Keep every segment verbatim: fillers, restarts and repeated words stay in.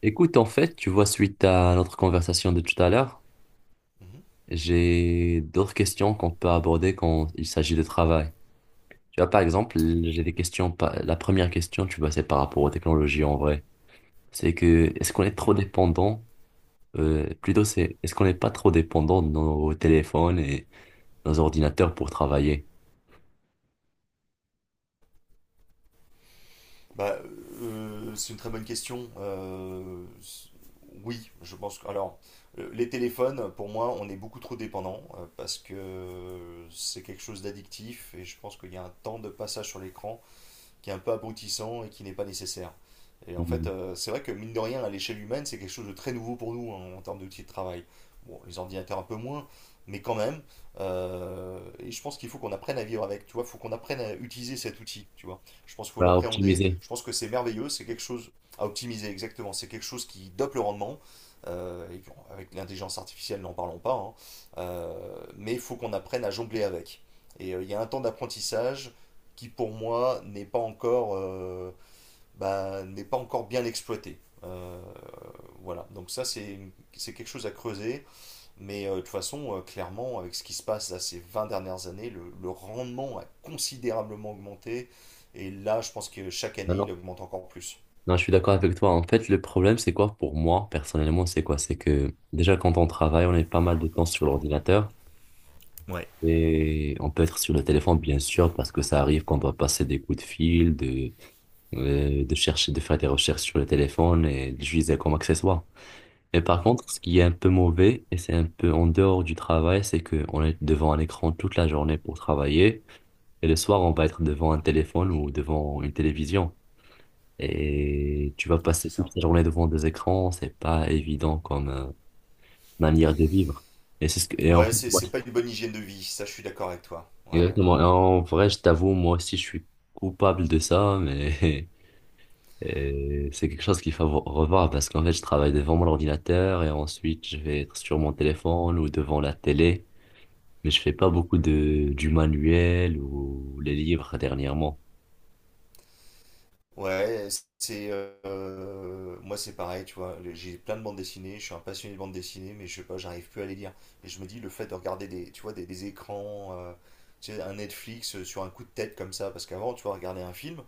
Écoute, en fait, tu vois, suite à notre conversation de tout à l'heure, Mhm, j'ai d'autres questions qu'on peut aborder quand il s'agit de travail. Tu vois, par exemple, j'ai des questions. par- La première question, tu vois, c'est par rapport aux technologies en vrai. C'est que, est-ce qu'on est mhm. trop dépendant? Euh, plutôt, c'est, est-ce qu'on n'est pas trop dépendant de nos téléphones et nos ordinateurs pour travailler? Bah, euh, c'est une très bonne question. Euh, s- oui, je pense que... Alors, euh, les téléphones, pour moi, on est beaucoup trop dépendants euh, parce que c'est quelque chose d'addictif et je pense qu'il y a un temps de passage sur l'écran qui est un peu abrutissant et qui n'est pas nécessaire. Et en Mhm. Fait, euh, c'est vrai que mine de rien, à l'échelle humaine, c'est quelque chose de très nouveau pour nous hein, en termes d'outils de travail. Bon, les ordinateurs un peu moins, mais quand même. Euh, et je pense qu'il faut qu'on apprenne à vivre avec, tu vois. Il faut qu'on apprenne à utiliser cet outil, tu vois. Je pense qu'il faut Bah, l'appréhender. optimiser. Je pense que c'est merveilleux, c'est quelque chose à optimiser, exactement. C'est quelque chose qui dope le rendement. Euh, et puis, avec l'intelligence artificielle, n'en parlons pas, hein. Euh, mais il faut qu'on apprenne à jongler avec. Et euh, il y a un temps d'apprentissage qui pour moi n'est pas encore euh, bah, n'est pas encore bien exploité. Euh, voilà, donc ça c'est c'est quelque chose à creuser, mais euh, de toute façon, euh, clairement, avec ce qui se passe là, ces vingt dernières années, le, le rendement a considérablement augmenté, et là je pense que chaque Non, année il non. augmente encore plus. Non, je suis d'accord avec toi. En fait, le problème, c'est quoi pour moi, personnellement, c'est quoi? C'est que déjà, quand on travaille, on est pas mal de temps sur l'ordinateur. Ouais. Et on peut être sur le téléphone, bien sûr, parce que ça arrive qu'on doit passer des coups de fil, de, euh, de chercher, de faire des recherches sur le téléphone et de l'utiliser comme accessoire. Mais par Mhm. contre, ce qui est un peu mauvais, et c'est un peu en dehors du travail, c'est qu'on est devant un écran toute la journée pour travailler, et le soir, on va être devant un téléphone ou devant une télévision. Et tu vas Ouais, passer c'est toute ça. la journée devant des écrans, c'est pas évident comme euh, manière de vivre. Et c'est ce que, et en Ouais, fait, c'est c'est pas une bonne hygiène de vie, ça je suis d'accord avec toi. Ouais. exactement. Et en vrai, je t'avoue, moi aussi, je suis coupable de ça, mais euh, c'est quelque chose qu'il faut revoir parce qu'en fait, je travaille devant mon ordinateur et ensuite, je vais être sur mon téléphone ou devant la télé, mais je fais pas beaucoup de du manuel ou les livres dernièrement. Ouais, c'est euh, moi c'est pareil, tu vois. J'ai plein de bandes dessinées, je suis un passionné de bandes dessinées, mais je sais pas, j'arrive plus à les lire. Et je me dis le fait de regarder des, tu vois, des, des écrans, euh, tu sais, un Netflix euh, sur un coup de tête comme ça, parce qu'avant, tu vois, regarder un film,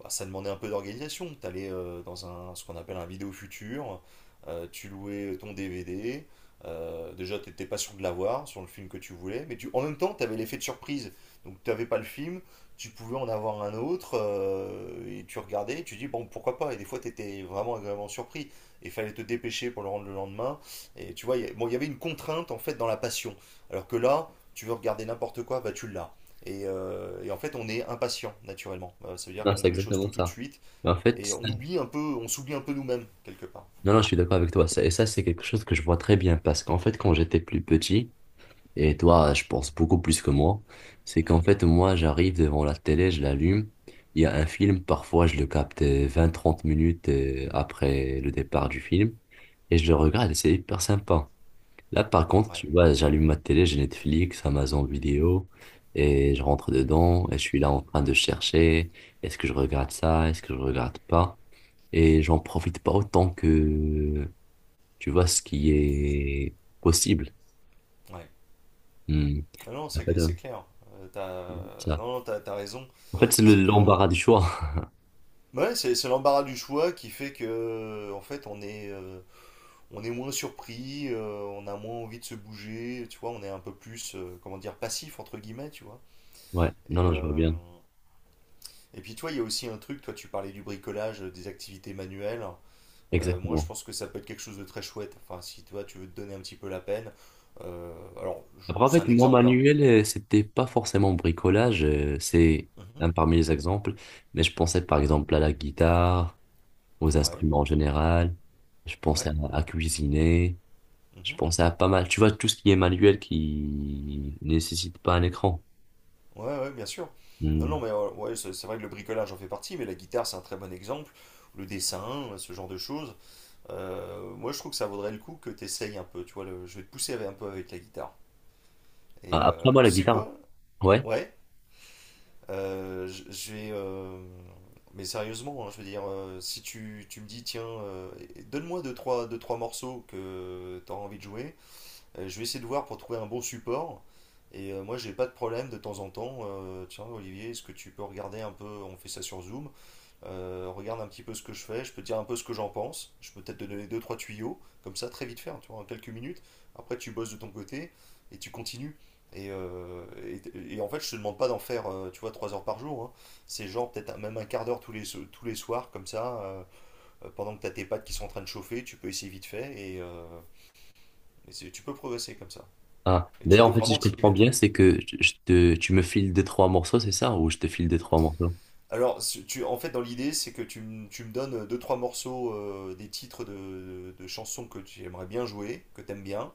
bah, ça demandait un peu d'organisation. T'allais euh, dans un ce qu'on appelle un vidéo futur, euh, tu louais ton D V D. Euh, déjà, t'étais pas sûr de l'avoir sur le film que tu voulais, mais tu, en même temps, t'avais l'effet de surprise. Donc, t'avais pas le film, tu pouvais en avoir un autre, euh, et tu regardais, et tu dis, bon, pourquoi pas, et des fois, tu étais vraiment agréablement surpris, et il fallait te dépêcher pour le rendre le lendemain, et tu vois, il y a- bon, il y avait une contrainte, en fait, dans la passion, alors que là, tu veux regarder n'importe quoi, bah, tu l'as. Et, euh, et en fait, on est impatient, naturellement. Euh, ça veut dire Non, qu'on c'est veut les choses tout exactement tout de ça. suite, Mais en fait, et on ça- oublie un peu, on s'oublie un peu nous-mêmes, quelque part. non, non, je suis d'accord avec toi. Ça- Et ça, c'est quelque chose que je vois très bien parce qu'en fait, quand j'étais plus petit, et toi, je pense beaucoup plus que moi. C'est qu'en Mhm. fait, moi, j'arrive devant la télé, je l'allume. Il y a un film, parfois je le capte vingt trente minutes euh, après le départ du film. Et je le regarde, et c'est hyper sympa. Là, par contre, Ouais, tu vois, j'allume ma télé, j'ai Netflix, Amazon Vidéo, et je rentre dedans, et je suis là en train de chercher, est-ce que je regarde ça, est-ce que je regarde pas? Et j'en profite pas autant que, tu vois, ce qui est possible. ouais. Hmm. Ah non, c'est c'est clair. Euh, t'as, Ça, non, non, t'as, t'as raison. en fait, c'est le- C'est qu'on l'embarras du choix. Ouais, c'est c'est l'embarras du choix qui fait que, euh, en fait, on est, euh, on est moins surpris, euh, on a moins envie de se bouger, tu vois, on est un peu plus, euh, comment dire, passif, entre guillemets, tu vois. Ouais, non, Et, non, je vois euh, bien. et puis, toi, il y a aussi un truc, toi, tu parlais du bricolage, euh, des activités manuelles. Euh, moi, je Exactement. pense que ça peut être quelque chose de très chouette. Enfin, si toi, tu veux te donner un petit peu la peine. euh, alors, je- Après, en c'est fait, un mon exemple, hein. manuel, euh, c'était pas forcément bricolage, euh, c'est Mhm. un parmi les exemples, mais je pensais par exemple à la guitare, aux Ouais, instruments en général, je pensais ouais. à, à cuisiner, je Mhm. pensais à pas mal, tu vois, tout ce qui est manuel qui nécessite pas un écran. Ouais, ouais, bien sûr. Non, Hmm. non, mais euh, ouais, c'est c'est vrai que le bricolage en fait partie, mais la guitare, c'est un très bon exemple. Le dessin, euh, ce genre de choses. Euh, moi, je trouve que ça vaudrait le coup que tu essayes un peu, tu vois. Le- je vais te pousser avec- un peu avec la guitare. Et Ah, après, euh, moi, Tu la sais guitare, quoi? ouais. Ouais, euh, j- je vais. Euh, mais sérieusement, hein, je veux dire, euh, si tu, tu me dis, tiens, euh, donne-moi deux, trois, deux, trois morceaux que tu as envie de jouer, euh, je vais essayer de voir pour trouver un bon support. Et euh, moi, j'ai pas de problème de temps en temps. Euh, tiens, Olivier, est-ce que tu peux regarder un peu On fait ça sur Zoom. Euh, regarde un petit peu ce que je fais. Je peux te dire un peu ce que j'en pense. Je peux peut-être te donner deux, trois tuyaux. Comme ça, très vite faire, tu vois, en quelques minutes. Après, tu bosses de ton côté et tu continues. Et, euh, et- et en fait, je te demande pas d'en faire, euh, tu vois, trois heures par jour, hein. C'est genre peut-être même un quart d'heure tous les, so- tous les soirs, comme ça, euh, euh, pendant que tu as tes pattes qui sont en train de chauffer, tu peux essayer vite fait et, euh, et c'est- tu peux progresser comme ça. Ah, Et tu d'ailleurs, peux en fait, si je vraiment t'y comprends mettre. bien, c'est que je je te, tu me files deux trois morceaux, c'est ça? Ou je te file deux trois morceaux? Alors, tu, en fait, dans l'idée, c'est que tu, m- tu me donnes deux, trois morceaux, euh, des titres de, de chansons que tu aimerais bien jouer, que t'aimes bien.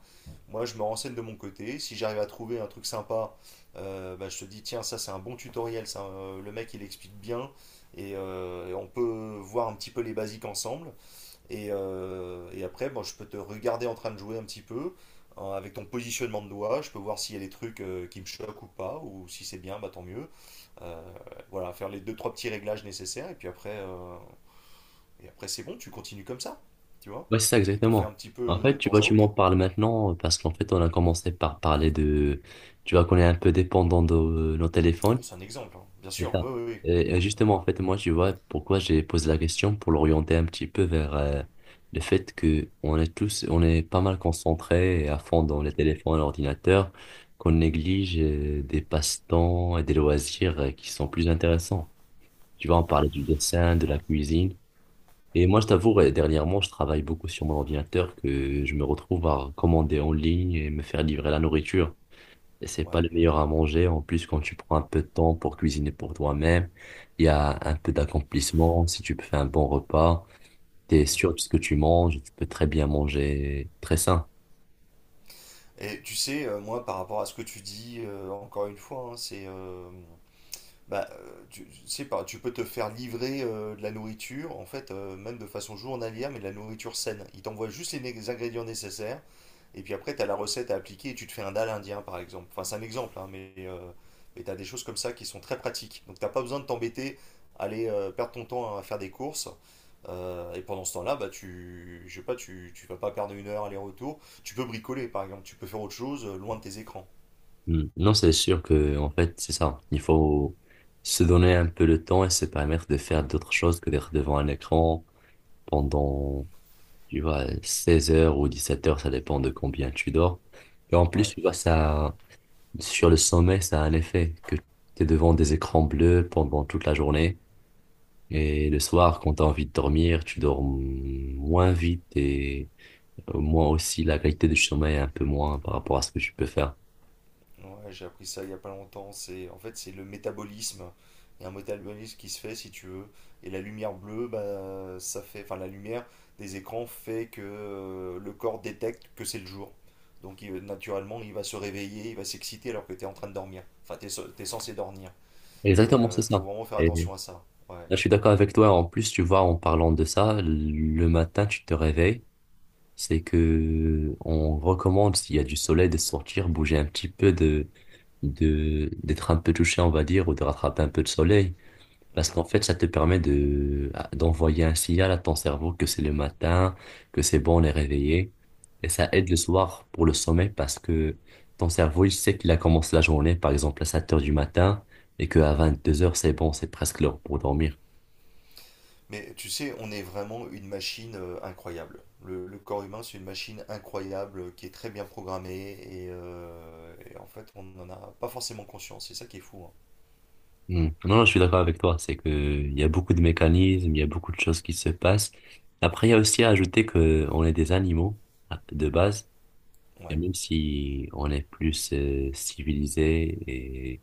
Moi, je me renseigne de mon côté. Si j'arrive à trouver un truc sympa, euh, bah, je te dis, tiens, ça, c'est un bon tutoriel. Ça, euh, le mec, il explique bien. Et, euh, et on peut voir un petit peu les basiques ensemble. Et, euh, et après, bon, je peux te regarder en train de jouer un petit peu hein, avec ton positionnement de doigt. Je peux voir s'il y a des trucs euh, qui me choquent ou pas, ou si c'est bien, bah tant mieux. Euh, voilà, faire les deux trois petits réglages nécessaires et puis après, euh, et après c'est bon, tu continues comme ça, tu vois. Ouais, c'est ça Et t'en fais un exactement. petit En peu de fait, tu temps vois, à tu m'en autre. parles maintenant euh, parce qu'en fait, on a commencé par parler de, tu vois, qu'on est un peu dépendant de euh, nos Alors, téléphones. c'est un exemple, hein, bien C'est sûr. Oui, ça. oui, Et et oui. Mm, justement, en fait, moi, tu vois, pourquoi j'ai posé la question pour l'orienter un petit peu vers euh, le fait que on est tous, on est pas mal concentrés et à fond dans les téléphones, l'ordinateur, qu'on néglige euh, des passe-temps et des loisirs euh, qui sont plus intéressants. Tu vois, on ouais, parlait du dessin, de la cuisine. Et moi, je t'avoue, euh, dernièrement, je travaille beaucoup sur mon ordinateur que je me retrouve à commander en ligne et me faire livrer la nourriture. Et c'est ouais. pas le meilleur à manger. En plus, quand tu prends un peu de temps pour cuisiner pour toi-même, il y a un peu d'accomplissement. Si tu fais un bon repas, tu es Mhm. sûr de ce que tu manges, tu peux très bien manger très sain. Et tu sais, euh, moi, par rapport à ce que tu dis, euh, encore une fois, hein, c'est euh, Bah, euh, tu, tu sais pas, tu peux te faire livrer euh, de la nourriture, en fait, euh, même de façon journalière, mais de la nourriture saine. Ils t'envoient juste les, né- les ingrédients nécessaires, et puis après, tu as la recette à appliquer, et tu te fais un dal indien, par exemple. Enfin, c'est un exemple, hein, mais, euh, mais tu as des choses comme ça qui sont très pratiques. Donc, t'as pas besoin de t'embêter, aller euh, perdre ton temps à faire des courses. Euh, et pendant ce temps-là, bah, tu, je sais pas, tu, tu vas pas perdre une heure aller-retour. Tu peux bricoler, par exemple, tu peux faire autre chose euh, loin de tes écrans. Hmm. Non, c'est sûr que, en fait, c'est ça. Il faut se donner un peu le temps et se permettre de faire d'autres choses que d'être devant un écran pendant, tu vois, seize heures ou dix-sept heures, ça dépend de combien tu dors. Et en plus, Ouais. tu vois, ça, sur le sommeil ça a un effet que tu es devant des écrans bleus pendant toute la journée. Et le soir, quand tu as envie de dormir, tu dors m- moins vite et au moins aussi la qualité du sommeil est un peu moins par rapport à ce que tu peux faire. Ouais, j'ai appris ça il y a pas longtemps. C'est, en fait, c'est le métabolisme. Il y a un métabolisme qui se fait, si tu veux. Et la lumière bleue, bah, ça fait, enfin, la lumière des écrans fait que euh, le corps détecte que c'est le jour. Donc, il- naturellement, il va se réveiller, il va s'exciter alors que tu es en train de dormir. Enfin, tu es, censé dormir. Et Exactement, c'est il faut ça. vraiment faire Et là, attention à ça. Ouais. je suis d'accord avec toi. En plus, tu vois, en parlant de ça, le matin, tu te réveilles. C'est que on recommande, s'il y a du soleil, de sortir, bouger un petit peu, de, de, d'être un peu touché, on va dire, ou de rattraper un peu de soleil. Parce Mhm. qu'en fait, ça te permet de, d'envoyer un signal à ton cerveau que c'est le matin, que c'est bon, on est réveillé. Et ça aide le soir pour le sommeil parce que ton cerveau, il sait qu'il a commencé la journée, par exemple, à sept heures du matin et qu'à deux heures, c'est bon, c'est presque l'heure pour dormir. Mais tu sais, on est vraiment une machine euh, incroyable. Le, le corps humain, c'est une machine incroyable euh, qui est très bien programmée et, euh, et en fait, on n'en a pas forcément conscience. C'est ça qui est fou, hein. Hmm. Non, non, je suis d'accord avec toi. C'est que il y a beaucoup de mécanismes, il y a beaucoup de choses qui se passent. Après, il y a aussi à ajouter que on est des animaux de base, et Ouais. même si on est plus euh, civilisé et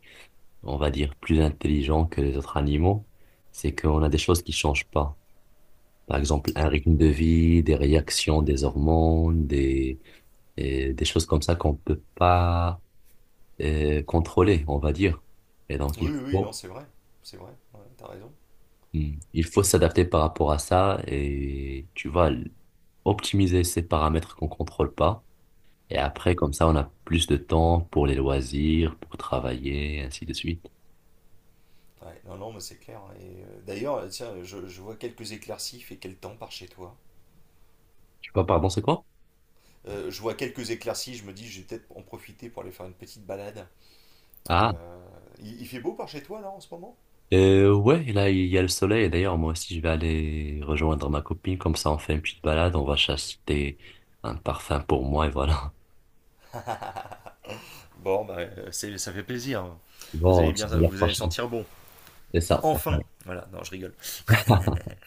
on va dire plus intelligent que les autres animaux, c'est qu'on a des choses qui changent pas. Par exemple, un rythme de vie, des réactions, des hormones, des et des choses comme ça qu'on peut pas euh, contrôler, on va dire. Et donc, Oui, il oui, oui, non, faut c'est vrai. C'est vrai. Ouais, t'as raison. mm. Il faut s'adapter par rapport à ça et tu vas l- optimiser ces paramètres qu'on contrôle pas. Et après, Mhm. comme ça, on a plus de temps pour les loisirs, pour travailler, ainsi de suite. Ouais, non, non, mais c'est clair, hein. Et euh, d'ailleurs, tiens, je, je vois quelques éclaircies. Il fait quel temps par chez toi? Tu vois, pardon, c'est quoi? Euh, je vois quelques éclaircies. Je me dis, je vais peut-être en profiter pour aller faire une petite balade. Ah, Euh, il, il fait beau par chez toi là en ce moment? euh, ouais, là, il y a le soleil. Et d'ailleurs, moi aussi, je vais aller rejoindre ma copine. Comme ça, on fait une petite balade. On va acheter un parfum pour moi et voilà. Bon, bah, euh, c'est- ça fait plaisir, hein. Vous Bon, allez on bien, se dit à la vous allez prochaine. sentir bon. C'est ça. Enfin. Enfin. Voilà, non, je rigole.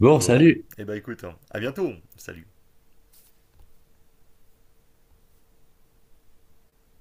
Bon, Bon, salut! et eh bah écoute, hein, à bientôt. Salut.